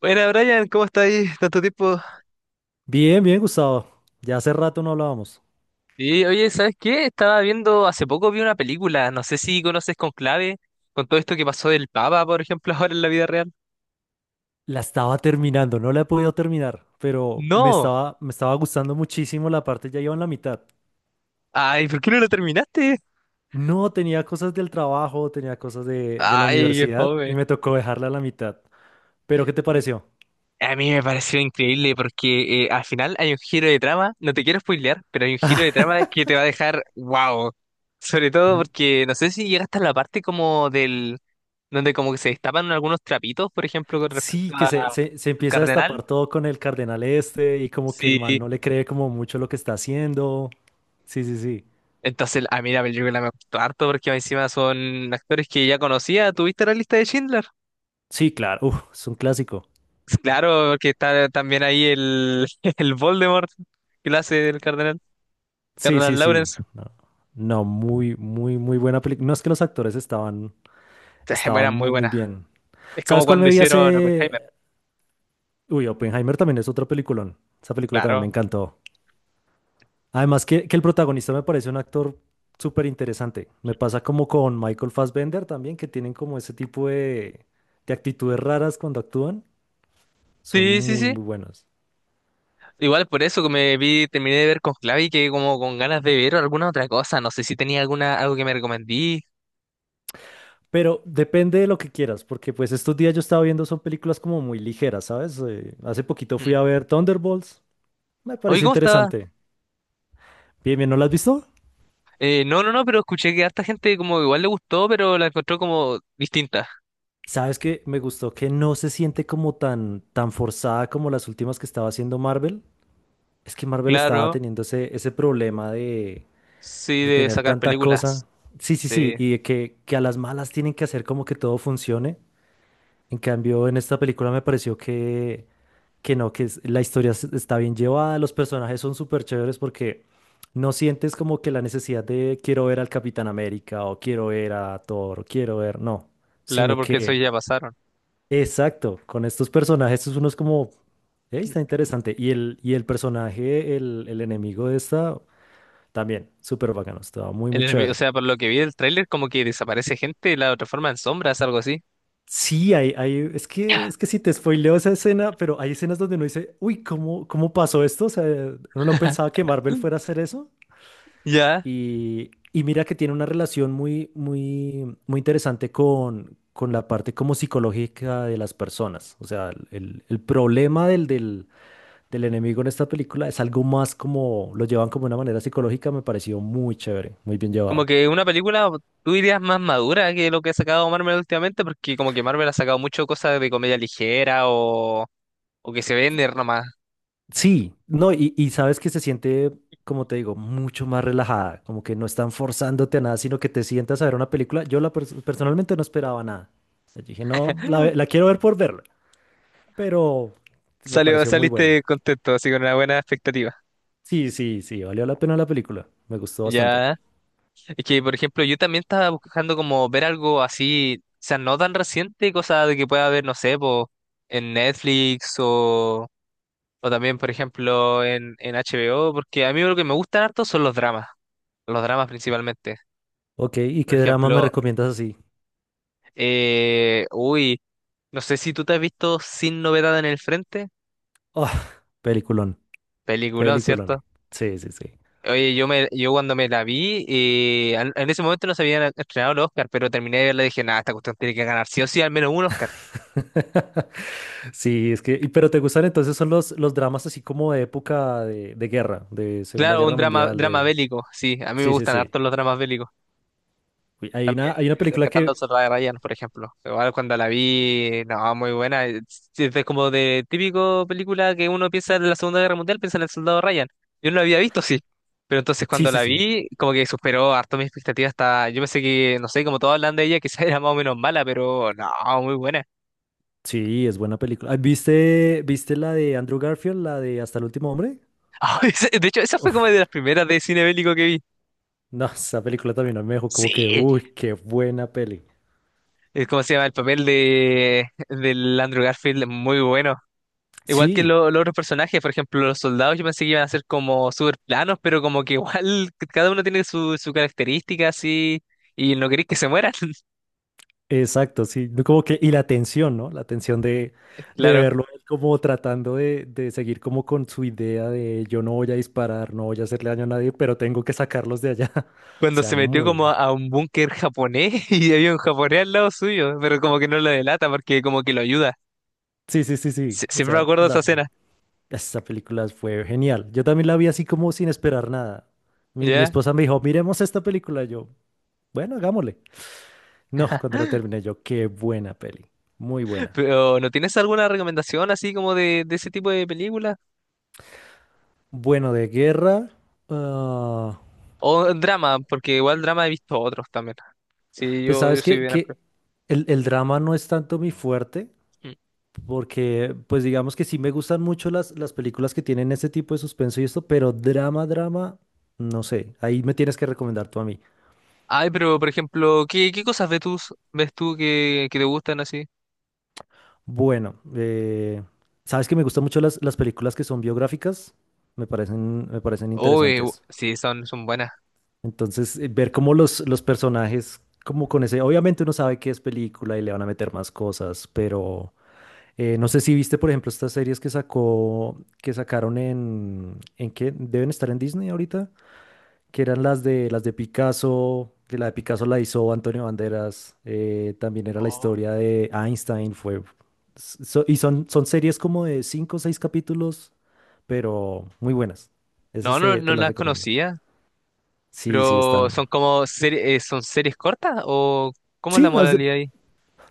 Buena, Brian, ¿cómo está ahí? Tanto tiempo. Bien, bien, Gustavo. Ya hace rato no hablábamos. Y oye, ¿sabes qué? Estaba viendo, hace poco vi una película, no sé si conoces Conclave, con todo esto que pasó del Papa, por ejemplo, ahora en la vida real. La estaba terminando, no la he podido terminar, pero me No, estaba, me estaba gustando muchísimo la parte, ya iba en la mitad. ay, ¿por qué no la terminaste? No, tenía cosas del trabajo, tenía cosas de la Ay, qué universidad y fome. me tocó dejarla a la mitad. Pero, ¿qué te pareció? A mí me pareció increíble porque al final hay un giro de trama, no te quiero spoilear, pero hay un giro de trama que te va a dejar wow. Sobre todo Mm, porque no sé si llegaste a la parte como del, donde como que se destapan algunos trapitos, por ejemplo, con respecto Sí, que se, se, se al empieza a cardenal. destapar todo con el cardenal este y como que el Sí, mal no le cree como mucho lo que está haciendo. Sí, sí, sí. entonces a mí la película me gustó harto porque encima son actores que ya conocía. ¿Tuviste la lista de Schindler? Sí, claro, uf, es un clásico. Claro, porque está también ahí el, el Voldemort que lo hace el cardenal, Sí, sí, cardenal sí. Lawrence. No, no, muy, muy, muy buena película. No es que los actores estaban, eran estaban muy muy, muy buenas. bien. Es como ¿Sabes cuál cuando me vi hicieron Oppenheimer, hace? Uy, Oppenheimer también es otro peliculón. Esa película también me claro. encantó. Además que el protagonista me parece un actor súper interesante. Me pasa como con Michael Fassbender también, que tienen como ese tipo de actitudes raras cuando actúan. Son Sí, sí, muy, sí. muy buenos. Igual por eso que me vi, terminé de ver con Clavi que como con ganas de ver alguna otra cosa. No sé si tenía alguna, algo que me recomendí. Pero depende de lo que quieras, porque pues estos días yo estaba viendo son películas como muy ligeras, ¿sabes? Hace poquito Mm. fui a ver Thunderbolts, me Oye, pareció ¿cómo estaba? interesante. Bien, bien, ¿no la has visto? No, no, no, pero escuché que a harta gente como igual le gustó, pero la encontró como distinta. Sabes que me gustó que no se siente como tan, tan forzada como las últimas que estaba haciendo Marvel. Es que Marvel estaba Claro, teniendo ese problema sí, de de tener sacar tanta películas. cosa. Sí, sí, sí, Sí, y de que a las malas tienen que hacer como que todo funcione. En cambio, en esta película me pareció que no, que la historia está bien llevada, los personajes son súper chéveres porque no sientes como que la necesidad de quiero ver al Capitán América o quiero ver a Thor, o quiero ver, no, claro, sino porque eso que, ya pasaron. exacto, con estos personajes uno es como, "Ey, está interesante". Y el personaje, el enemigo de esta, también, súper bacano, estaba muy, El muy enemigo, o chévere. sea, por lo que vi del tráiler, como que desaparece gente y la transforma en sombras, algo así. Sí, es que si te spoileo esa escena, pero hay escenas donde uno dice, uy, ¿cómo pasó esto? O sea, uno no pensaba que Marvel fuera a hacer eso. Ya. Y mira que tiene una relación muy, muy, muy interesante con la parte como psicológica de las personas. O sea, el problema del enemigo en esta película es algo más como, lo llevan como de una manera psicológica, me pareció muy chévere, muy bien Como llevado. que una película, tú dirías, más madura que lo que ha sacado Marvel últimamente, porque como que Marvel ha sacado mucho cosas de comedia ligera o que se vende nomás. Sí, no, y sabes que se siente, como te digo, mucho más relajada, como que no están forzándote a nada, sino que te sientas a ver una película. Yo la personalmente no esperaba nada. O sea, yo dije, no, la quiero ver por verla, pero me pareció muy buena. Saliste contento, así con una buena expectativa. Sí, sí, sí, valió la pena la película, me gustó bastante. Ya. Es que, por ejemplo, yo también estaba buscando como ver algo así, o sea, no tan reciente, cosa de que pueda ver, no sé, po, en Netflix o también, por ejemplo, en, HBO, porque a mí lo que me gustan harto son los dramas principalmente. Ok, ¿y Por qué drama me ejemplo, recomiendas así? Uy, no sé si tú te has visto Sin Novedad en el Frente, Oh, peliculón, peliculón, peliculón. ¿cierto? Sí, sí, sí. Oye, yo cuando me la vi, en ese momento no se habían estrenado los Oscar, pero terminé de verla y dije, nada, esta cuestión tiene que ganar sí o sí al menos un Oscar. Sí, es que, pero ¿te gustan entonces son los dramas así como de época de guerra, de Segunda Claro, un Guerra drama, Mundial, drama de... bélico, sí, a mí me Sí, sí, gustan sí. harto los dramas bélicos. Uy, hay una, También hay una película Rescatando al que. Soldado Ryan, por ejemplo. Igual cuando la vi, no, muy buena. Es como de típico película que uno piensa en la Segunda Guerra Mundial, piensa en el Soldado Ryan. Yo no la había visto, sí. Pero entonces Sí, cuando sí, la sí. vi, como que superó harto mis expectativas. Hasta, yo pensé que, no sé, como todos hablan de ella, quizás era más o menos mala, pero no, muy buena. Sí, es buena película. Ah, viste la de Andrew Garfield, la de Hasta el último hombre? De hecho, esa fue como Uf, de las primeras de cine bélico que vi. no, esa película también a mí me dejó como que, Sí. uy, qué buena peli. ¿Cómo se llama? El papel de del Andrew Garfield es muy bueno. Igual que Sí, los otros personajes, por ejemplo, los soldados, yo pensé que iban a ser como súper planos, pero como que igual cada uno tiene su, su característica así y no queréis que se mueran. exacto, sí, no, como que, y la tensión, ¿no? La tensión de Claro. verlo él como tratando de seguir como con su idea de yo no voy a disparar, no voy a hacerle daño a nadie, pero tengo que sacarlos de allá. O Cuando sea, se metió muy. como a un búnker japonés y había un japonés al lado suyo, pero como que no lo delata porque como que lo ayuda. Sí, sí, sí, sí. O Siempre me sea, acuerdo de esa la, escena, esta película fue genial. Yo también la vi así como sin esperar nada. Mi ¿ya? esposa me dijo, miremos esta película. Yo, bueno, hagámosle. No, cuando la terminé yo, qué buena peli. Muy buena. Pero ¿no tienes alguna recomendación así como de ese tipo de películas? Bueno, de guerra. ah, O drama, porque igual drama he visto otros también. Sí, pues yo sabes soy que, bien amplio. que el drama no es tanto mi fuerte, Mm. porque pues digamos que sí me gustan mucho las películas que tienen ese tipo de suspenso y esto, pero drama, drama, no sé. Ahí me tienes que recomendar tú a mí. Ay, pero por ejemplo, ¿qué cosas ves tú, que te gustan así? Bueno, sabes que me gustan mucho las películas que son biográficas, me parecen Oh, interesantes. sí, son buenas. Entonces, ver cómo los personajes, como con ese, obviamente uno sabe que es película y le van a meter más cosas, pero no sé si viste, por ejemplo, estas series que sacaron ¿en qué? ¿Deben estar en Disney ahorita? Que eran las de Picasso, que la de Picasso la hizo Antonio Banderas, también era la Oh. historia de Einstein, fue y son series como de cinco o seis capítulos, pero muy buenas. No, Esas no, te no las las recomiendo. conocía, Sí, sí, pero son están. como son series cortas o ¿cómo es la Sí, modalidad ahí?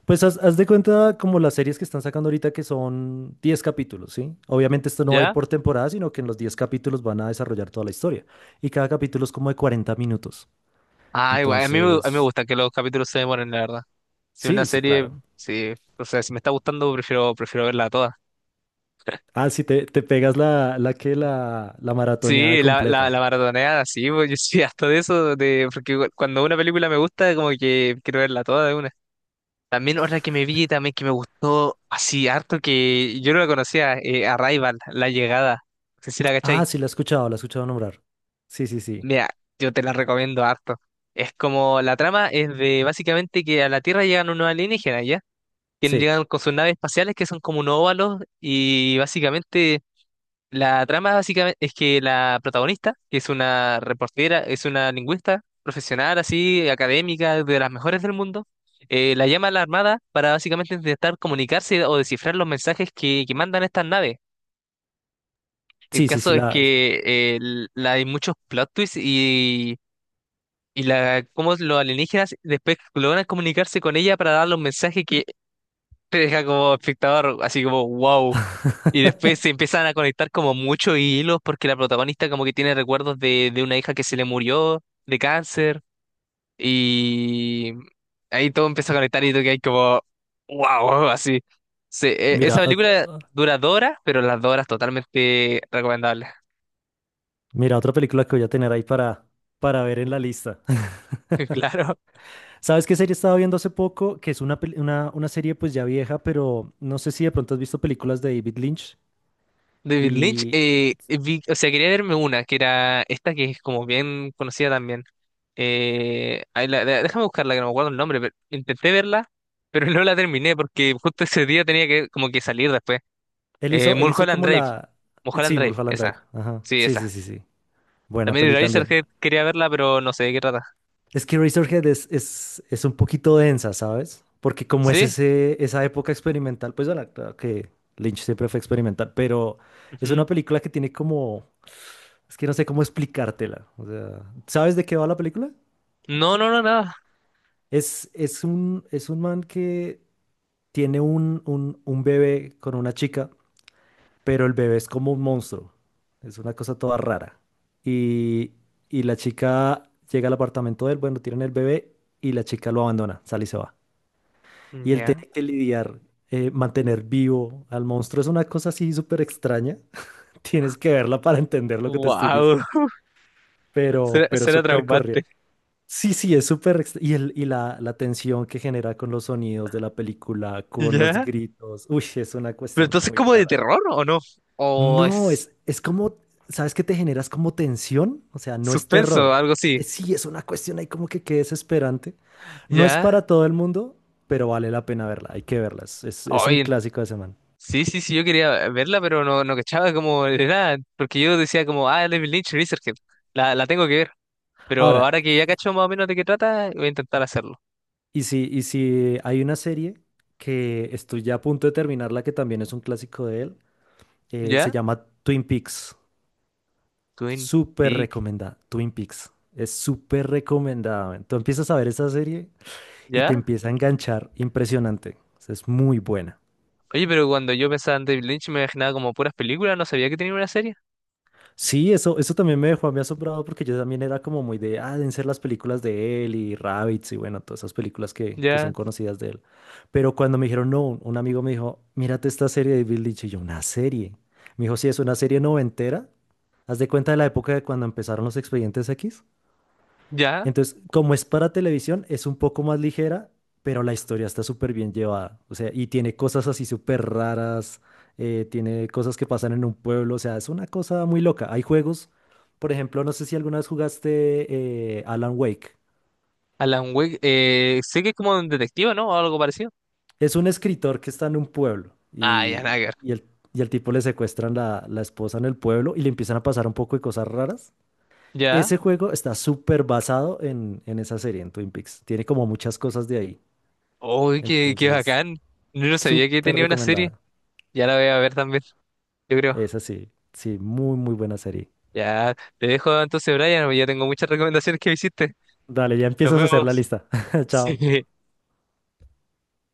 pues haz de cuenta como las series que están sacando ahorita que son 10 capítulos, ¿sí? Obviamente esto no va a ir ¿Ya? por temporada, sino que en los 10 capítulos van a desarrollar toda la historia. Y cada capítulo es como de 40 minutos. Ah, igual, a mí me Entonces, gusta que los capítulos se demoren, la verdad. Si una sí, sí, serie, claro. sí, o sea, si me está gustando, prefiero verla toda. Ah, sí, te pegas la maratoneada Sí, la, la, completa. la maratoneada, sí, pues, yo soy harto de eso, de, porque igual cuando una película me gusta, como que quiero verla toda de una. También otra que me vi, también que me gustó así harto, que yo no la conocía, Arrival, La Llegada. No sé si la Ah, cachai. sí, la he escuchado nombrar. Sí, sí, sí. Mira, yo te la recomiendo harto. Es como, la trama es de básicamente que a la Tierra llegan unos alienígenas, ¿ya? Que Sí, llegan con sus naves espaciales que son como unos óvalos y básicamente. La trama básicamente es que la protagonista, que es una reportera, es una lingüista profesional, así, académica, de las mejores del mundo, la llama a la Armada para básicamente intentar comunicarse o descifrar los mensajes que mandan estas naves. El sí, sí, caso sí, es la. que hay muchos plot twists y, cómo los alienígenas después logran comunicarse con ella para dar los mensajes que te deja como espectador, así como wow. Y después se empiezan a conectar como muchos hilos porque la protagonista como que tiene recuerdos de una hija que se le murió de cáncer y ahí todo empieza a conectar y tú que hay como wow, así. Se- e- esa Mira, ot- película dura dos horas, pero las dos horas totalmente recomendables. mira, otra película que voy a tener ahí para ver en la lista. Claro. ¿Sabes qué serie estaba viendo hace poco? Que es una serie pues ya vieja, pero no sé si de pronto has visto películas de David Lynch. David Lynch, Y o sea, quería verme una, que era esta que es como bien conocida también. Ahí déjame buscarla, que no me acuerdo el nombre, pero intenté verla, pero no la terminé porque justo ese día tenía que como que salir después. Él hizo Mulholland como Drive, la... Mulholland Sí, Drive, Mulholland esa. Drive. Ajá. Sí, Sí, sí, esa. sí, sí. Buena También peli también. Eraserhead quería verla, pero no sé de qué trata. Es que Razorhead es un poquito densa, ¿sabes? Porque como es ¿Sí? Esa época experimental, pues bueno, claro que Lynch siempre fue experimental, pero es Ujú. una película que tiene como, es que no sé cómo explicártela. O sea, ¿sabes de qué va la película? No, no, no, nada. Es un man que tiene un bebé con una chica, pero el bebé es como un monstruo. Es una cosa toda rara. Y, y la chica llega al apartamento de él, bueno, tienen el bebé y la chica lo abandona, sale y se va. Y el Ya. tener que lidiar, mantener vivo al monstruo es una cosa así súper extraña. Tienes que verla para entender lo que te estoy Wow, diciendo. será, Pero será súper correa. traumante. Sí, sí, es súper... y la tensión que genera con los sonidos de la película, con los ¿Ya? gritos. Uy, es una Pero cuestión entonces muy como de rara. terror, ¿o no? O No, es... es como... ¿Sabes qué te generas como tensión? O sea, no es Suspenso, terror. algo así. Sí, es una cuestión ahí como que desesperante. No es Ya. para todo el mundo, pero vale la pena verla, hay que verla, es un Oye, clásico de semana. sí, sí, sí, yo quería verla, pero no, no cachaba como de nada. Porque yo decía como, ah, David Lynch, Resurgent. La tengo que ver. Pero Ahora, ahora que ya cacho más o menos de qué trata, voy a intentar hacerlo. Y si hay una serie que estoy ya a punto de terminarla, que también es un clásico de él, se ¿Ya? llama Twin Peaks, Twin súper Peaks. recomendada, Twin Peaks, es súper recomendada, man. Tú empiezas a ver esa serie y te ¿Ya? empieza a enganchar, impresionante, o sea, es muy buena. Oye, pero cuando yo pensaba en David Lynch me imaginaba como puras películas, no sabía que tenía una serie. Sí, eso también me dejó a mí asombrado porque yo también era como muy de, ah, deben ser las películas de él y Rabbits y bueno, todas esas películas que son Ya. conocidas de él. Pero cuando me dijeron, no, un amigo me dijo, mírate esta serie de Bill Lynch y yo, una serie. Me dijo, sí, es una serie noventera. Haz de cuenta de la época de cuando empezaron los Expedientes X. ¿Ya? Entonces, como es para televisión, es un poco más ligera, pero la historia está súper bien llevada. O sea, y tiene cosas así súper raras, tiene cosas que pasan en un pueblo, o sea, es una cosa muy loca. Hay juegos, por ejemplo, no sé si alguna vez jugaste Alan Wake. Alan Wake, sé que es como un detective, ¿no? O algo parecido. Es un escritor que está en un pueblo Ah, ya, nada que ver. Y al tipo le secuestran la esposa en el pueblo y le empiezan a pasar un poco de cosas raras. ¿Ya? Ese juego está súper basado en esa serie, en Twin Peaks. Tiene como muchas cosas de ahí. Uy, qué Entonces... bacán. Yo no sabía que Súper tenía una serie. recomendada. Ya la voy a ver también. Yo creo. Esa sí, sí, muy, muy buena serie. Ya, te dejo entonces, Brian, porque ya tengo muchas recomendaciones que me hiciste. Dale, ya Nos empiezas a hacer la vemos. lista. Chao. Sí.